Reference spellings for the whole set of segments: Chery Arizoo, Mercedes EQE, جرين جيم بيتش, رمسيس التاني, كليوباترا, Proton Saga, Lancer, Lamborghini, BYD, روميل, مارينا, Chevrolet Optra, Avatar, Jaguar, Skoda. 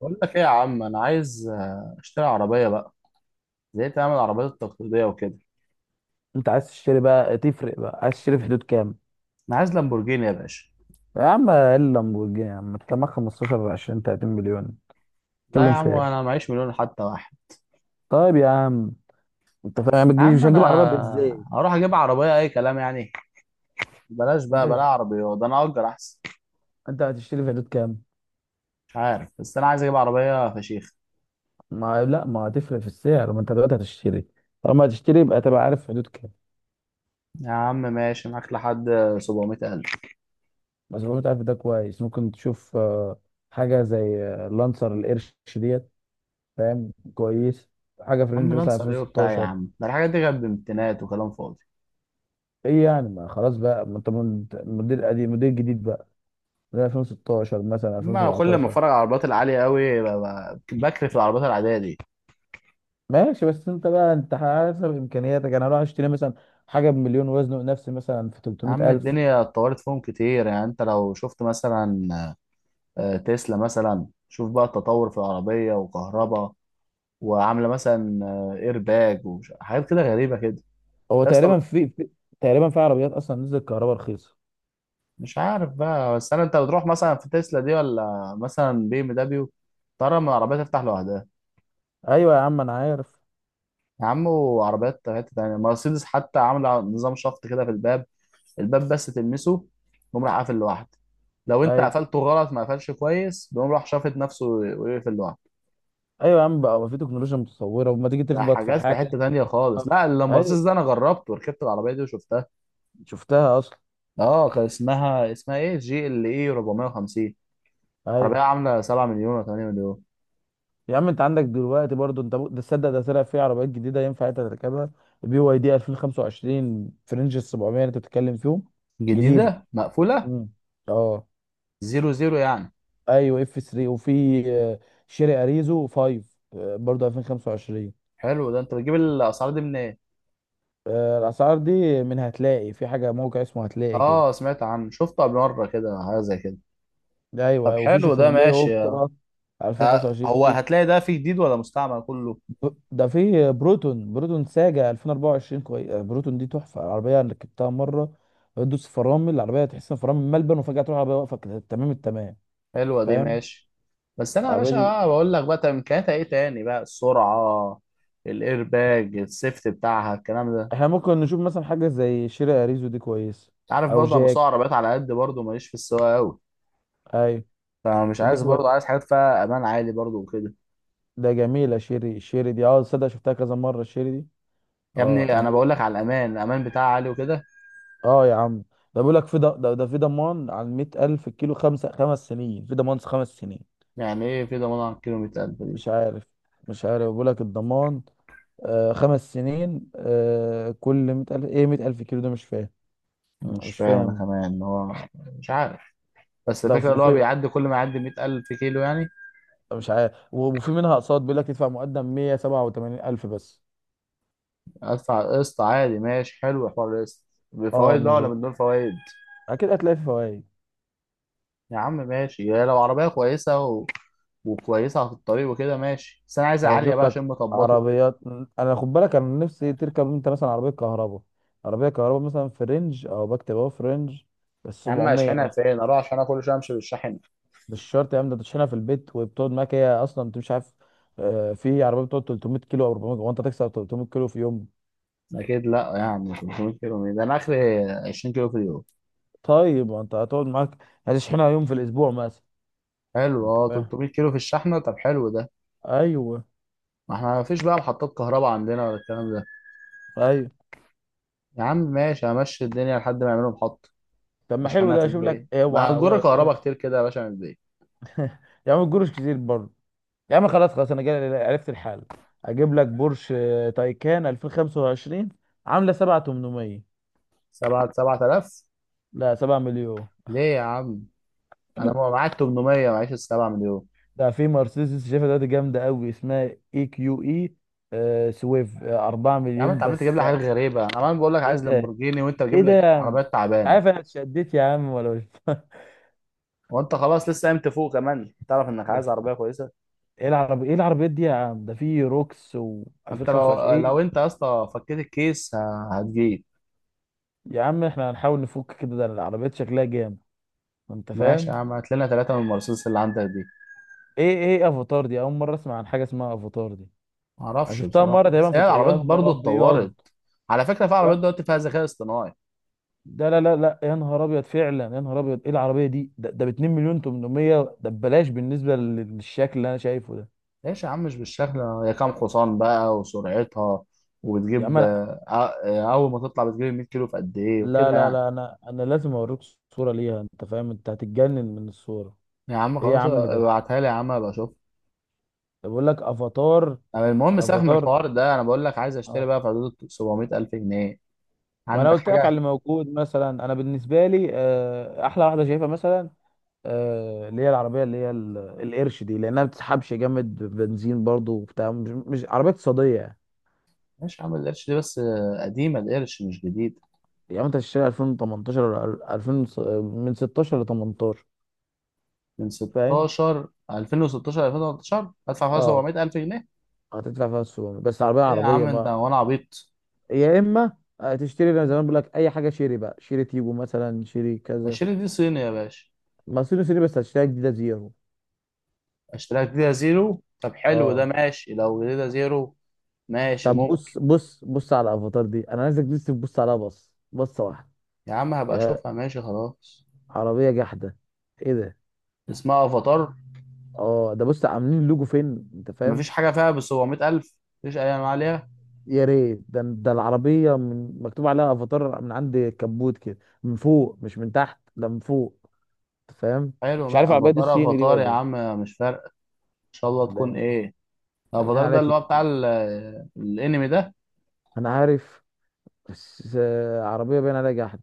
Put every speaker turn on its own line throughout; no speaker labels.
بقول لك ايه يا عم؟ انا عايز اشتري عربيه بقى. زهقت اعمل العربيات التقليديه وكده.
انت عايز تشتري بقى تفرق بقى، عايز تشتري في حدود كام؟
انا عايز لامبورجيني يا باشا.
يا عم ايه اللامبورجيني يا عم، انت معاك 15 20 30 مليون؟
لا يا
تتكلم في
عم، انا
ايه؟
معيش مليون حتى واحد.
طيب يا عم، انت فاهم ما
يا
تجيبش،
عم
مش
انا
هتجيب عربيه ازاي؟
هروح اجيب عربيه اي كلام يعني. بلاش
انت
بقى بلا
هش-
عربيه، ده انا اجر احسن.
انت هتشتري في حدود كام؟
مش عارف، بس انا عايز اجيب عربيه فشيخ.
ما لا، ما هتفرق في السعر، ما انت دلوقتي هتشتري، طالما هتشتري يبقى تبقى عارف في حدود كام.
يا عم ماشي معاك لحد 700000.
بس لو انت عارف ده كويس، ممكن تشوف حاجه زي لانسر القرش ديت. فاهم كويس، حاجه في
يا عم
رينج مثلا
لانسر ايه وبتاع يا
2016.
عم، ده الحاجات دي كانت بامتينات وكلام فاضي.
ايه يعني، ما خلاص بقى، ما انت موديل قديم موديل جديد بقى، من 2016 مثلا
اما كل ما
2017.
اتفرج على العربيات العاليه قوي، بكرف العربيات العاديه دي.
ماشي، بس انت بقى انت حسب امكانياتك يعني. انا هروح اشتري مثلا حاجه بمليون وزنه نفسي مثلا في
يا
300
عم
الف.
الدنيا اتطورت فيهم كتير، يعني انت لو شفت مثلا تسلا مثلا، شوف بقى التطور في العربية وكهرباء. وعاملة مثلا ايرباج وحاجات كده غريبة كده.
هو
يا اسطى.
تقريبا في تقريبا في عربيات اصلا نزلت كهرباء رخيصه.
مش عارف بقى، بس انت بتروح مثلا في تسلا دي ولا مثلا بي ام دبليو؟ ترى من العربية تفتح لوحدها.
ايوه يا عم انا عارف.
يا عم، وعربيات حتة تانية مرسيدس حتى عاملة نظام شفط كده في الباب. الباب بس تلمسه، يقوم راح قافل لوحده. لو انت
ايوه.
قفلته غلط ما قفلش كويس، بيقوم راح شافط نفسه ويقفل لوحده.
ايوه يا عم بقى، في تكنولوجيا متطوره وما تيجي
ده
تخبط في
حاجات في
حاجه
حتة تانية خالص،
تقف.
لا اللامبرسيس
ايوه.
ده انا جربت وركبت العربية دي وشفتها.
شفتها اصلا.
اه، كان اسمها ايه، جي ال اي 450.
ايوه
عربية عاملة 7 مليون ولا 8 مليون.
يا عم، انت عندك دلوقتي برضو انت ده تصدق، ده طلع في عربيات جديده ينفع انت تركبها. بي واي دي 2025 في رينج ال 700 اللي انت بتتكلم فيهم. جديده.
جديدة مقفولة.
امم. اه.
زيرو زيرو يعني.
ايوه اف 3 وفي آه، شيري اريزو 5 برضه 2025.
حلو ده، انت بتجيب الاسعار دي منين؟
الاسعار دي من، هتلاقي في حاجه موقع اسمه، هتلاقي كده.
اه سمعت عنه، شفته قبل مرة كده حاجة زي كده.
ايوه.
طب
أيوة، وفي
حلو ده
شيفروليه
ماشي.
اوبترا 2025.
هو
في
هتلاقي ده فيه جديد ولا مستعمل كله؟
ده في بروتون، بروتون ساجا 2024 كويس. بروتون دي تحفه، العربيه انا ركبتها مره، بتدوس فرامل العربيه تحس ان فرامل ملبن، وفجاه تروح العربيه واقفه كده تمام التمام.
حلوة دي
فاهم.
ماشي. بس انا يا
العربيه
باشا،
دي.
بقول لك بقى، طب امكانياتها ايه تاني بقى؟ السرعة، الايرباج، السيفت بتاعها، الكلام ده.
احنا ممكن نشوف مثلا حاجه زي شيري اريزو دي كويس.
عارف
او
برضه انا
جاك.
بسوق عربيات على قد، برضه ماليش في السواقه قوي.
ايوه.
فمش
دي
عايز
كويس.
برضه، عايز حاجات فيها امان عالي برضه وكده.
ده جميلة شيري، الشيري دي اه، تصدق شفتها كذا مرة الشيري دي.
يا
اه
ابني انا
بيقول-
بقول لك على الامان، الامان بتاعها عالي وكده.
اه يا عم، ده بيقول لك في ده في ضمان على مية ألف الكيلو، خمس سنين في ضمان، خمس سنين.
يعني ايه في ضمان على الكيلومتر 1000 دي؟
مش عارف. مش عارف، بيقول لك الضمان آه خمس سنين، آه كل مية ألف، ايه مية ألف كيلو ده مش فاهم.
مش
مش
فاهم انا
فاهم.
كمان ان هو مش عارف. بس
ده
الفكره اللي هو
وفي،
بيعدي كل ما يعدي 100000 كيلو يعني.
مش عارف. وفي منها أقساط، بيقول لك تدفع مقدم مية سبعة وتمانين ألف بس.
ادفع قسط عادي ماشي، حلو حوار القسط.
اه
بفوائد بقى
مش،
ولا من دون فوائد؟
أكيد هتلاقي في فوائد.
يا عم ماشي يا لو عربيه كويسه وكويسه في الطريق وكده ماشي، بس انا عايز
انا
عاليه
بشوف
بقى
لك
عشان مطبطه وكده.
عربيات. انا خد بالك، انا نفسي تركب انت مثلا عربيه كهرباء. عربيه كهرباء مثلا في رينج، او بكتب اهو في رينج ال
يا عم
700
اشحنها
مثلا.
فين؟ اروح عشان كل شويه امشي بالشحن.
مش شرط يا عم، ده تشحنها في البيت وبتقعد معاك هي اصلا، انت مش عارف. في عربيه بتقعد 300 كيلو او 400، وانت تكسر 300 كيلو في يوم؟
اكيد لا، يعني 500 كيلو مين؟ ده انا اخري 20 كيلو في اليوم.
طيب ما انت هتقعد معاك، هتشحنها يوم في الاسبوع مثلا.
حلو
انت
اه،
فاهم.
300 كيلو في الشحنه؟ طب حلو ده.
ايوه.
ما احنا ما فيش بقى محطات كهرباء عندنا ولا الكلام ده.
ايوه.
يا عم ماشي، همشي الدنيا لحد ما يعملوا محطه.
طب ما حلو
اشحنها في
ده. اشوف لك،
البيت ما
اوعى
هتجر
وقع قدامي.
كهرباء كتير كده يا باشا من البيت.
يا عم الجروش كتير. يا عم خلاص، خلاص انا جاي عرفت الحل، اجيب لك بورش تايكان 2025، عامله 7800.
7؟ 7000؟
لا 7 مليون.
ليه يا عم؟ انا ما معاك 800، معيش ال 7 مليون.
ده في مرسيدس شايفها دلوقتي جامده قوي، اسمها اي كيو اي سويف 4
يا عم انت
مليون
عمال تجيب
بس
لي حاجات غريبه، انا عمال بقول لك
ايه
عايز
ده،
لامبورجيني وانت
ايه
بتجيب
ده
لي
يا عم؟
عربيات
مش
تعبانه.
عارف انا اتشدت يا عم ولا مش
وانت خلاص لسه قايم تفوق، كمان تعرف انك
ده
عايز
في-
عربيه كويسه.
ايه العربي، ايه العربيات دي يا عم، ده في روكس و
ما انت
2025
لو
ايه؟
انت يا اسطى فكيت الكيس، هتجيب.
يا عم احنا هنحاول نفك كده، ده العربيات شكلها جامد. انت
ماشي يا
فاهم.
عم، هات لنا ثلاثه من المرسيدس اللي عندك دي.
ايه ايه افاتار دي؟ اول مره اسمع عن حاجه اسمها افاتار دي.
ما
انا
اعرفش
شفتها
بصراحه،
مره
بس
تقريبا في
هي العربيات
يا
برضو
نهار ابيض.
اتطورت. على فكره، في عربيات
يا-
دلوقتي فيها ذكاء اصطناعي.
ده لا لا لا، يا نهار ابيض فعلا، يا نهار ابيض ايه العربيه دي، ده ب 2 مليون 800 ده ببلاش بالنسبه للشكل اللي انا شايفه ده.
ليش يا عم؟ مش بالشكل، هي كام حصان بقى وسرعتها
يا عم
وبتجيب
انا،
اول ما تطلع بتجيب 100 كيلو في قد ايه
لا
وكده
لا
يعني.
لا، انا لازم اوريك صوره ليها، انت فاهم، انت هتتجنن من الصوره.
يا عم
ايه يا
خلاص
عم ده،
ابعتها لي، يا عم ابقى اشوف.
ده بقول لك افاتار.
المهم سيبك من
افاتار.
الحوار ده، انا بقول لك عايز اشتري
اه.
بقى في حدود 700 الف جنيه.
وانا
عندك
قلت لك على
حاجه؟
اللي موجود مثلا، انا بالنسبه لي احلى واحده شايفها مثلا اللي هي العربيه اللي هي القرش دي، لانها ما بتسحبش جامد بنزين برضو وبتاع، مش عربيه اقتصاديه يعني.
ماشي يا عم، القرش دي بس قديمه، القرش مش جديد.
يعني انت تشتري 2018 ولا 2000 من 16 ل 18.
من
فاهم.
16، 2016، 2013 هدفع فيها
اه.
700000 جنيه؟
هتدفع فيها السوق بس عربيه،
ايه يا
عربيه
عم انت
ما.
وانا عبيط؟
يا اما تشتري زي ما بقول لك اي حاجه، شيري بقى، شيري تيجو مثلا، شيري كذا.
20 دي صيني يا باشا.
ما صيني صيني، بس هتشتريها جديده زيرو.
اشتريها جديدة زيرو؟ طب حلو ده
اه.
ماشي لو جديدة زيرو. ماشي
طب
ممكن.
بص بص، بص على الافاتار دي، انا عايزك بس تبص عليها بص بصه واحده.
يا عم هبقى
يا
اشوفها، ماشي خلاص.
عربيه جحده. ايه ده؟
اسمها افاتار.
اه، ده بص عاملين اللوجو فين، انت فاهم.
مفيش حاجة فيها بال 700000. مفيش اي انواع عليها.
يا ريت، ده العربيه من، مكتوب عليها افاتار من عند الكبوت كده من فوق، مش من تحت، ده من فوق. انت فاهم.
حلو،
مش عارف العربيه دي
افاتار
الصيني دي
افاتار
ولا
يا
ايه.
عم مش فارقة. ان شاء الله تكون
ده
ايه.
باين
الافاتار
عليها
ده اللي هو بتاع الانمي ده.
انا عارف. بس عربيه باين عليها جحد،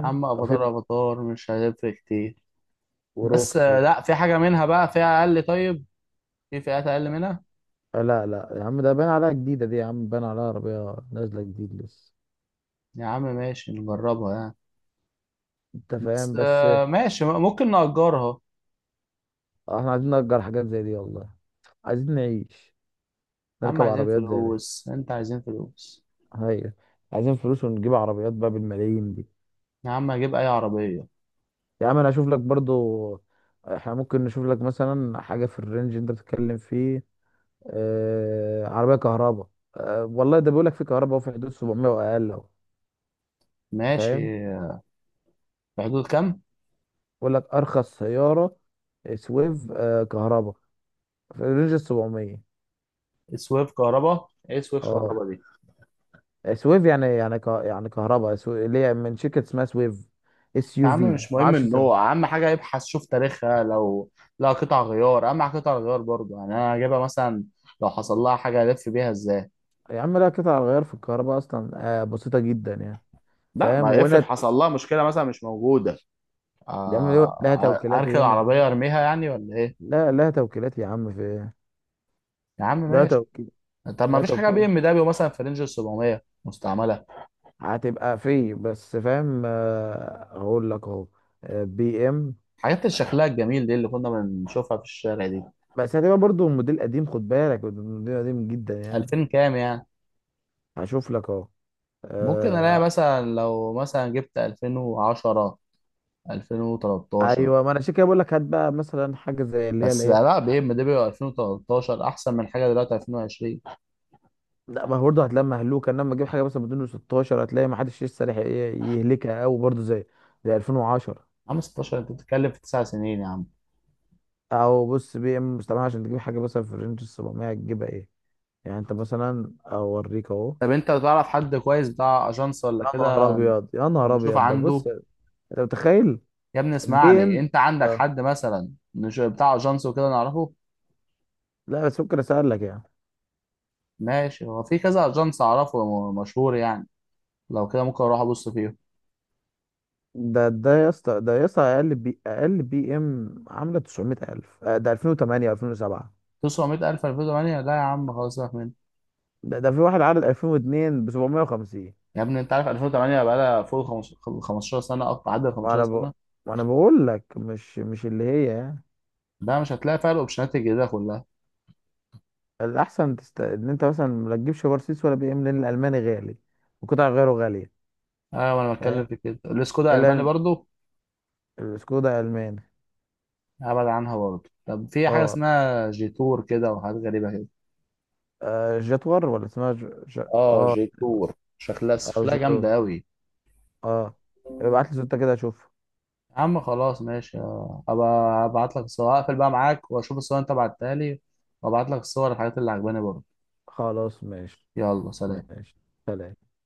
يا عم
او في
افاتار افاتار مش هيفرق كتير. بس
وروكس و...
لا، في حاجة منها بقى فيها أقل؟ طيب، في فئات أقل منها.
لا لا يا عم، ده باين عليها جديده دي، يا عم باين عليها عربيه نازله جديد لسه.
يا عم ماشي نجربها يعني.
انت فاهم
بس
بس
ماشي ممكن نأجرها.
احنا عايزين نأجر حاجات زي دي والله. عايزين نعيش،
يا عم
نركب
عايزين
عربيات زي دي.
فلوس، أنت عايزين فلوس.
هي. عايزين فلوس ونجيب عربيات بقى بالملايين دي.
يا عم أجيب أي عربية.
يا عم انا اشوف لك برضو. احنا ممكن نشوف لك مثلا حاجة في الرينج انت بتتكلم فيه. آه عربية كهرباء. آه والله، ده بيقول لك في كهرباء في حدود 700 واقل اهو.
ماشي،
فاهم.
في حدود كام؟
بيقول لك ارخص سيارة سويف آه كهرباء في رينج ال 700.
سويف كهرباء إيه؟ سويف
اه.
كهرباء دي؟
سويف يعني، يعني كهرباء، اللي هي من شركة اسمها سويف. اس
يا
يو
عم
في،
مش
ما
مهم
اعرفش اسمها.
النوع، أهم حاجة يبحث شوف تاريخها لو. لا، قطع غيار أهم حاجة، قطع غيار برضه يعني أنا هجيبها مثلا. لو حصل لها حاجة ألف بيها إزاي؟
يا عم لا، قطع الغيار في الكهرباء اصلا آه بسيطة جدا يعني.
لا،
فاهم.
ما افرض
وهنا
حصل لها مشكلة مثلا مش موجودة.
لا توكيلات
اركن
هنا،
العربيه ارميها يعني ولا ايه؟
لا لا، توكيلات يا عم في إيه؟
يا عم
لا
ماشي.
توكيل.
طب ما
لا
فيش حاجه بي
توكيل.
ام دبليو مثلا في رينج ال 700 مستعمله؟
هتبقى في بس، فاهم هقول لك اهو. بي ام.
حاجات اللي شكلها الجميل دي اللي كنا بنشوفها في الشارع دي.
بس هتبقى برضو الموديل قديم، خد بالك الموديل قديم جدا يعني.
2000 كام يعني؟
هشوف لك اهو
ممكن الاقي
آه،
مثلا، لو مثلا جبت 2010، 2013.
ايوه، ما انا عشان كده بقول لك هات بقى مثلا حاجه زي اللي هي
بس
الايه.
لا، بي ام دبليو 2013 احسن من حاجه دلوقتي 2020 يا
لا ما هو برضه هتلاقي مهلوكه، انما تجيب حاجه مثلا بدون 16، هتلاقي ما حدش لسه لحق يهلكها او برضه زي 2010.
عم. 16؟ انت بتتكلم في 9 سنين يا عم.
او بص، بي ام مستعمل، عشان تجيب حاجه مثلا في رينج 700 تجيبها ايه، يعني انت مثلا اوريك اهو.
طب انت تعرف حد كويس بتاع اجانس ولا
يا نهار
كده؟
ابيض، يا نهار
نشوف
ابيض، ده
عنده.
بص انت متخيل.
يا ابني
بي
اسمعني،
ام.
انت عندك
اه،
حد مثلا مش بتاع اجانس وكده نعرفه؟
لا بس ممكن اسالك يعني.
ماشي، هو في كذا اجانس اعرفه مشهور يعني. لو كده ممكن اروح ابص فيهم.
ده يا اسطى، اقل بي، اقل بي ام عامله 900,000 ده 2008 و2007.
900000، 2008؟ لا يا عم خلاص سيبك منه.
ده في واحد عارض 2002 ب 750.
يا ابني انت عارف 2008 بقى لها فوق ال 15، 15 سنه اكتر، عدى ال 15
وانا ب...
سنه.
وانا بقول لك مش اللي هي يعني.
ده مش هتلاقي فيها الاوبشنات الجديده كلها.
ان انت مثلا ما تجيبش مرسيدس ولا بي ام، لان الالماني غالي وقطع غيره غاليه.
ايوه، ما انا بتكلم
فاهم.
في كده، الاسكودا الالماني
الا.
برضو.
السكودا الماني.
ابعد عنها برضو. طب في حاجه
اه.
اسمها جيتور كده وحاجات غريبه كده.
آه جاتور، ولا اسمها
اه
اه،
جيتور، شكلها
او
شكلها
جاتور.
جامده قوي.
اه. ابعت لي صورتها كده اشوف.
يا عم خلاص ماشي ابقى ابعت لك الصور، هقفل بقى معاك واشوف الصور اللي انت بعتها لي. وابعت لك الصور الحاجات اللي عجباني برضه.
خلاص ماشي.
يلا سلام.
ماشي. سلام.